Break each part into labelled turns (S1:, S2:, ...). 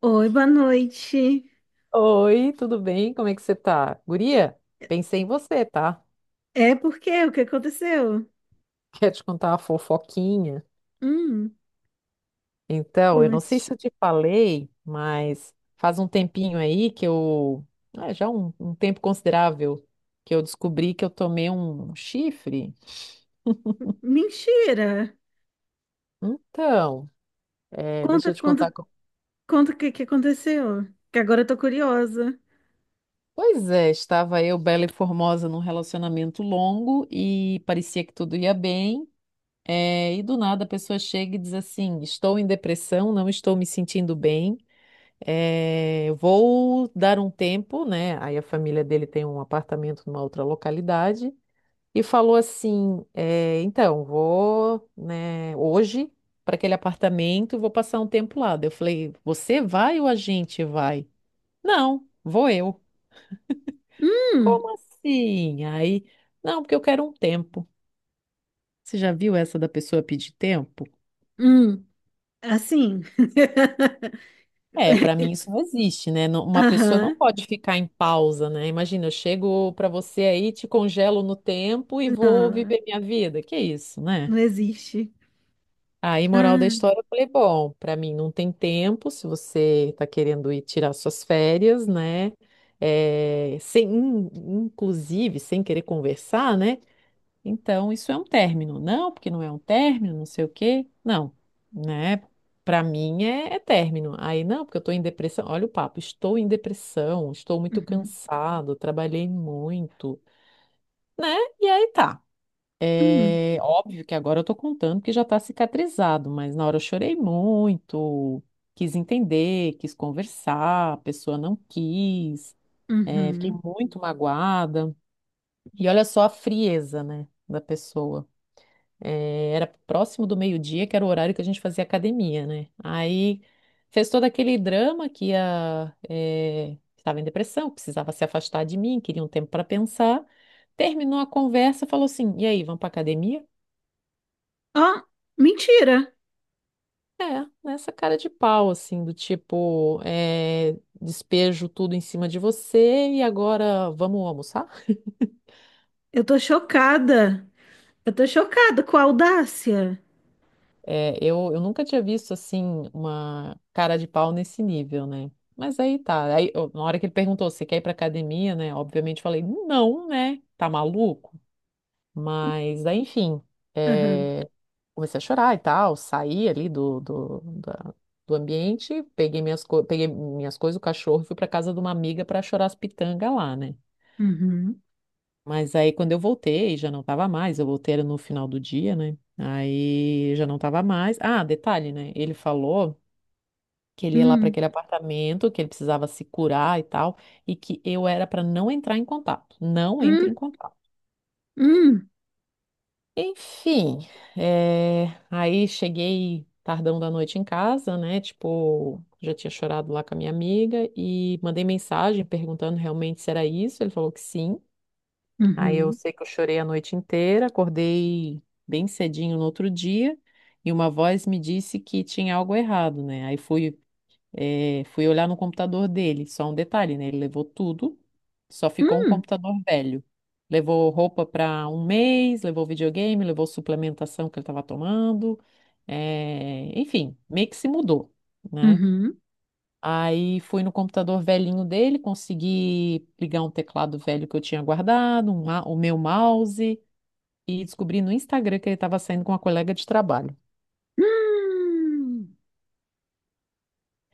S1: Oi, boa noite.
S2: Oi, tudo bem? Como é que você tá? Guria, pensei em você, tá?
S1: É porque o que aconteceu?
S2: Quer te contar uma fofoquinha?
S1: Hum,
S2: Então, eu não sei se
S1: conte.
S2: eu te falei, mas faz um tempinho aí que eu. Já um tempo considerável que eu descobri que eu tomei um chifre.
S1: Mentira.
S2: Então, é,
S1: Conta,
S2: deixa eu te contar.
S1: conta, conta o que que aconteceu. Que agora eu tô curiosa.
S2: Pois é, estava eu, bela e formosa, num relacionamento longo e parecia que tudo ia bem. É, e do nada a pessoa chega e diz assim: estou em depressão, não estou me sentindo bem, é, vou dar um tempo, né? Aí a família dele tem um apartamento numa outra localidade e falou assim: é, então, vou, né, hoje para aquele apartamento e vou passar um tempo lá. Daí eu falei: você vai ou a gente vai? Não, vou eu.
S1: Hum,
S2: Como assim? Aí, não, porque eu quero um tempo. Você já viu essa da pessoa pedir tempo?
S1: hum, assim.
S2: É, para mim isso não existe, né? Não. Uma pessoa não
S1: Aham,
S2: pode ficar em pausa, né? Imagina, eu chego para você aí, te congelo no tempo e vou
S1: não,
S2: viver minha vida. Que isso, né?
S1: não existe.
S2: Aí, moral da
S1: Ah,
S2: história, eu falei, bom, para mim não tem tempo, se você tá querendo ir tirar suas férias, né? É, sem, inclusive, sem querer conversar, né? Então, isso é um término. Não, porque não é um término, não sei o quê. Não, né? Para mim é término. Aí, não, porque eu estou em depressão. Olha o papo, estou em depressão, estou muito
S1: uhum,
S2: cansado, trabalhei muito, né? E aí tá.
S1: uhum,
S2: É óbvio que agora eu tô contando que já tá cicatrizado, mas na hora eu chorei muito, quis entender, quis conversar, a pessoa não quis, é, fiquei
S1: uhum.
S2: muito magoada. E olha só a frieza, né, da pessoa era próximo do meio-dia, que era o horário que a gente fazia academia, né? Aí fez todo aquele drama que estava em depressão, precisava se afastar de mim, queria um tempo para pensar. Terminou a conversa, falou assim: e aí, vamos para academia?
S1: Ó, mentira.
S2: É, nessa cara de pau, assim, do tipo, eh, despejo tudo em cima de você e agora vamos almoçar?
S1: Eu tô chocada. Eu tô chocada com a audácia.
S2: É, eu nunca tinha visto assim uma cara de pau nesse nível, né? Mas aí tá. Aí, eu. Na hora que ele perguntou se quer ir pra academia, né? Obviamente eu falei, não, né? Tá maluco? Mas aí, enfim,
S1: Aham,
S2: é, comecei a chorar e tal, saí ali do ambiente, peguei minhas coisas, o cachorro, e fui pra casa de uma amiga pra chorar as pitangas lá, né?
S1: uhum,
S2: Mas aí quando eu voltei, já não tava mais, eu voltei era no final do dia, né? Aí já não tava mais. Ah, detalhe, né? Ele falou que ele ia lá para
S1: hum,
S2: aquele apartamento, que ele precisava se curar e tal, e que eu era para não entrar em contato. Não entre
S1: hum,
S2: em contato.
S1: hum.
S2: Enfim, aí cheguei tardão da noite em casa, né? Tipo, já tinha chorado lá com a minha amiga e mandei mensagem perguntando realmente se era isso. Ele falou que sim. Aí eu
S1: Uhum.
S2: sei que eu chorei a noite inteira, acordei bem cedinho no outro dia e uma voz me disse que tinha algo errado, né? Aí fui, fui olhar no computador dele. Só um detalhe, né? Ele levou tudo, só ficou um
S1: Hum,
S2: computador velho. Levou roupa para um mês, levou videogame, levou suplementação que ele estava tomando, enfim, meio que se mudou, né?
S1: uhum.
S2: Aí fui no computador velhinho dele, consegui ligar um teclado velho que eu tinha guardado, o meu mouse, e descobri no Instagram que ele estava saindo com uma colega de trabalho.
S1: Hum,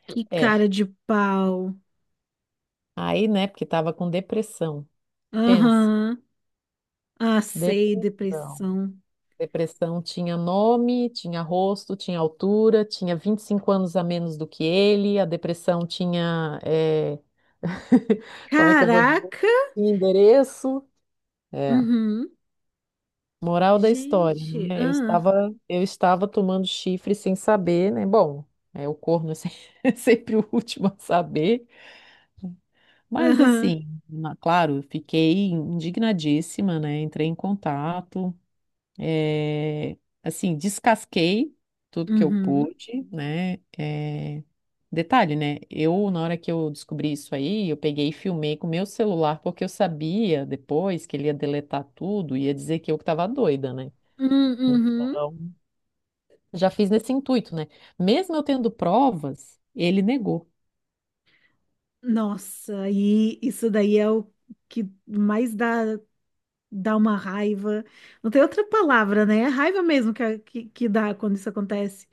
S1: que
S2: É,
S1: cara de pau.
S2: aí, né, porque estava com depressão. Pensa,
S1: Aham. Ah, sei,
S2: depressão.
S1: depressão.
S2: Depressão tinha nome, tinha rosto, tinha altura, tinha 25 anos a menos do que ele, a depressão tinha, é, como é que eu vou dizer?
S1: Caraca.
S2: Endereço. É.
S1: Uhum.
S2: Moral da história,
S1: Gente,
S2: né? Eu
S1: ah,
S2: estava, eu estava tomando chifre sem saber, né? Bom, é, o corno é sempre o último a saber, mas
S1: aham.
S2: assim, claro, fiquei indignadíssima, né? Entrei em contato, é, assim, descasquei tudo que eu
S1: Uhum.
S2: pude, né? É, detalhe, né? Eu, na hora que eu descobri isso aí, eu peguei e filmei com o meu celular, porque eu sabia depois que ele ia deletar tudo, ia dizer que eu que estava doida, né?
S1: Hum, uhum.
S2: Então já fiz nesse intuito, né? Mesmo eu tendo provas, ele negou.
S1: Nossa, e isso daí é o que mais dá uma raiva. Não tem outra palavra, né? É raiva mesmo que dá quando isso acontece.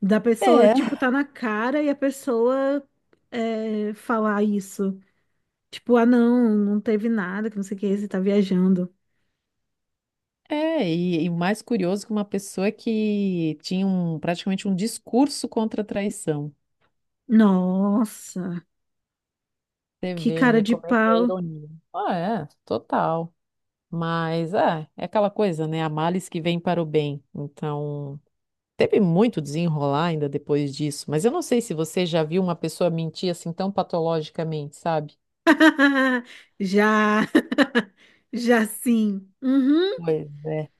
S1: Da pessoa,
S2: É.
S1: tipo, tá na cara e a pessoa falar isso. Tipo, ah, não, não teve nada, que não sei o que, você tá viajando.
S2: É, e o mais curioso é que uma pessoa que tinha um, praticamente um discurso contra a traição.
S1: Nossa,
S2: Você
S1: que
S2: vê,
S1: cara
S2: né,
S1: de
S2: como é que é a
S1: pau.
S2: ironia. Ah, é, total. Mas é, aquela coisa, né? Há males que vêm para o bem. Então, teve muito desenrolar ainda depois disso. Mas eu não sei se você já viu uma pessoa mentir assim tão patologicamente, sabe?
S1: Já, já sim. Uhum,
S2: Pois é.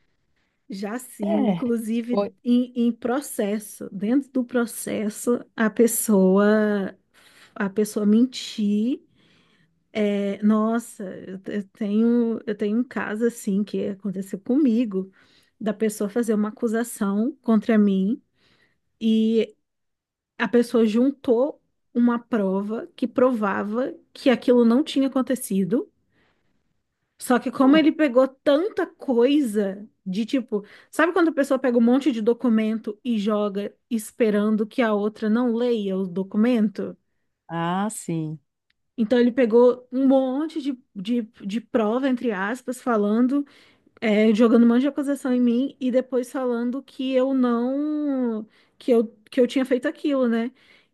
S1: já sim.
S2: É.
S1: Inclusive,
S2: Foi.
S1: em processo, dentro do processo, a pessoa mentir. É, nossa, eu tenho um caso assim que aconteceu comigo, da pessoa fazer uma acusação contra mim e a pessoa juntou uma prova que provava que aquilo não tinha acontecido. Só que como
S2: Hum.
S1: ele pegou tanta coisa de tipo, sabe quando a pessoa pega um monte de documento e joga esperando que a outra não leia o documento?
S2: Ah, sim.
S1: Então ele pegou um monte de prova, entre aspas, falando. Jogando um monte de acusação em mim e depois falando que eu não, que eu tinha feito aquilo, né?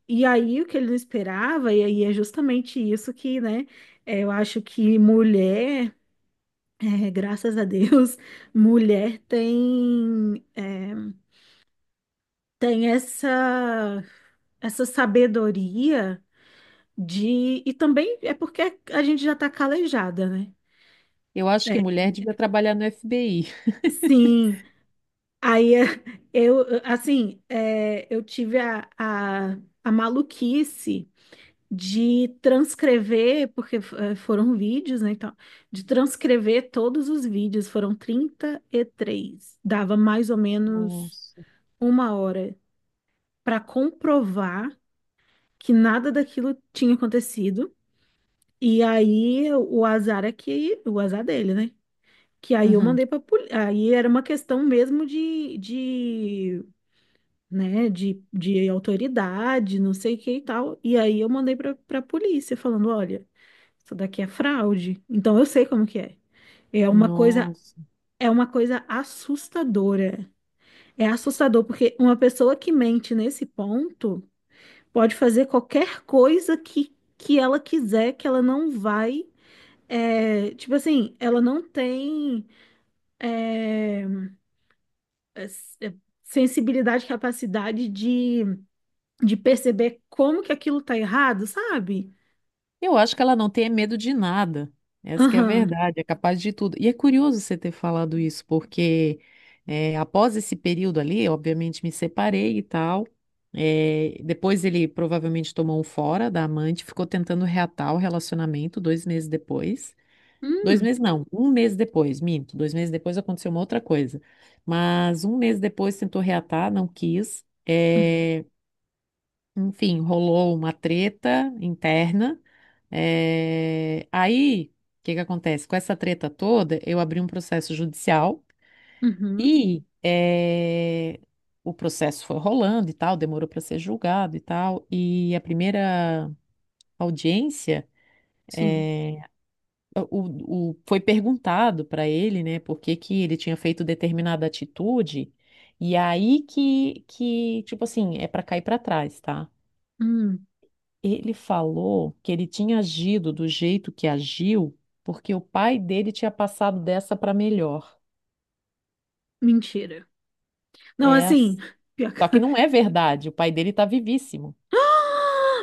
S1: E aí o que ele não esperava, e aí é justamente isso que, né, eu acho que mulher, graças a Deus, mulher tem essa sabedoria de, e também é porque a gente já tá calejada, né?
S2: Eu acho que
S1: É,
S2: mulher devia trabalhar no FBI.
S1: sim. Aí eu, assim, eu tive a maluquice de transcrever, porque foram vídeos, né, então, de transcrever todos os vídeos, foram 33 dava mais ou menos
S2: Nossa.
S1: uma hora para comprovar que nada daquilo tinha acontecido. E aí o azar é que, o azar dele, né? Que aí eu
S2: Uhum.
S1: mandei para aí era uma questão mesmo de né, de autoridade, não sei o que e tal. E aí eu mandei pra polícia falando, olha, isso daqui é fraude. Então eu sei como que é. É uma coisa,
S2: Nossa.
S1: é uma coisa assustadora. É assustador porque uma pessoa que mente nesse ponto pode fazer qualquer coisa que ela quiser, que ela não vai. Tipo assim, ela não tem é, é, sensibilidade, capacidade de perceber como que aquilo tá errado, sabe?
S2: Eu acho que ela não tem medo de nada. Essa que é a
S1: Aham.
S2: verdade, é capaz de tudo. E é curioso você ter falado isso, porque após esse período ali, obviamente me separei e tal. Depois ele provavelmente tomou um fora da amante, ficou tentando reatar o relacionamento 2 meses depois. Dois
S1: Hum,
S2: meses não, um mês depois, minto. 2 meses depois aconteceu uma outra coisa. Mas um mês depois tentou reatar, não quis.
S1: hum,
S2: É, enfim, rolou uma treta interna. É, Aí, o que que acontece? Com essa treta toda, eu abri um processo judicial
S1: uhum,
S2: e o processo foi rolando e tal, demorou para ser julgado e tal. E a primeira audiência.
S1: sim.
S2: Foi perguntado para ele, né, por que que ele tinha feito determinada atitude, e aí que tipo assim, é para cair para trás, tá?
S1: Hum,
S2: Ele falou que ele tinha agido do jeito que agiu porque o pai dele tinha passado dessa para melhor.
S1: mentira. Não,
S2: É,
S1: assim, pior que-
S2: só que não é verdade, o pai dele tá vivíssimo.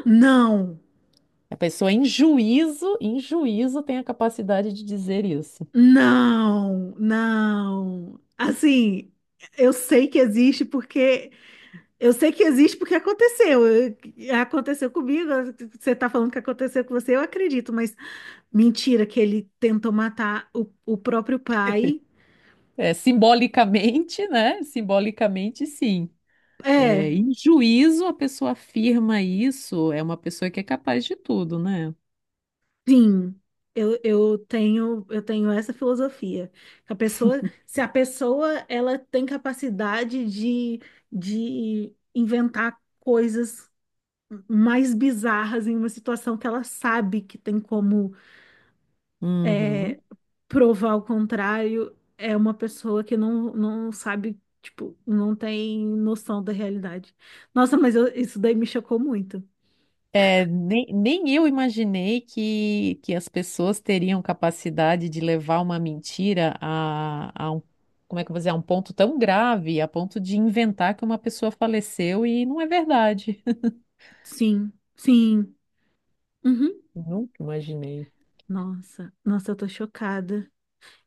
S1: não,
S2: A pessoa em juízo tem a capacidade de dizer isso.
S1: não, não. Assim, eu sei que existe porque eu sei que existe porque aconteceu. Aconteceu comigo, você tá falando que aconteceu com você, eu acredito, mas mentira que ele tentou matar o próprio pai.
S2: É, simbolicamente, né? Simbolicamente, sim. É,
S1: É.
S2: em juízo, a pessoa afirma isso, é uma pessoa que é capaz de tudo, né?
S1: Sim, eu tenho essa filosofia. Se a pessoa ela tem capacidade de inventar coisas mais bizarras em uma situação que ela sabe que tem como
S2: Uhum.
S1: é, provar o contrário, é uma pessoa que não sabe, tipo, não tem noção da realidade. Nossa, mas isso daí me chocou muito.
S2: É, nem eu imaginei que, as pessoas teriam capacidade de levar uma mentira a um, como é que eu vou dizer, a um ponto tão grave, a ponto de inventar que uma pessoa faleceu e não é verdade.
S1: Sim, sim. Uhum.
S2: Nunca imaginei.
S1: Nossa, nossa, eu tô chocada.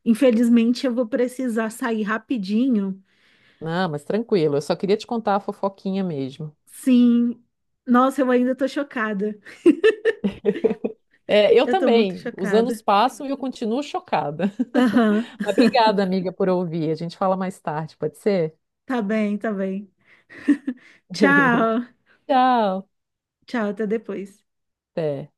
S1: Infelizmente, eu vou precisar sair rapidinho.
S2: Não, mas tranquilo, eu só queria te contar a fofoquinha mesmo.
S1: Sim. Nossa, eu ainda tô chocada.
S2: É, eu
S1: Eu tô muito
S2: também. Os anos
S1: chocada.
S2: passam e eu continuo chocada.
S1: Aham.
S2: Mas obrigada, amiga, por ouvir. A gente fala mais tarde, pode ser?
S1: Tá bem, tá bem. Tchau.
S2: Tchau.
S1: Tchau, até depois.
S2: Até.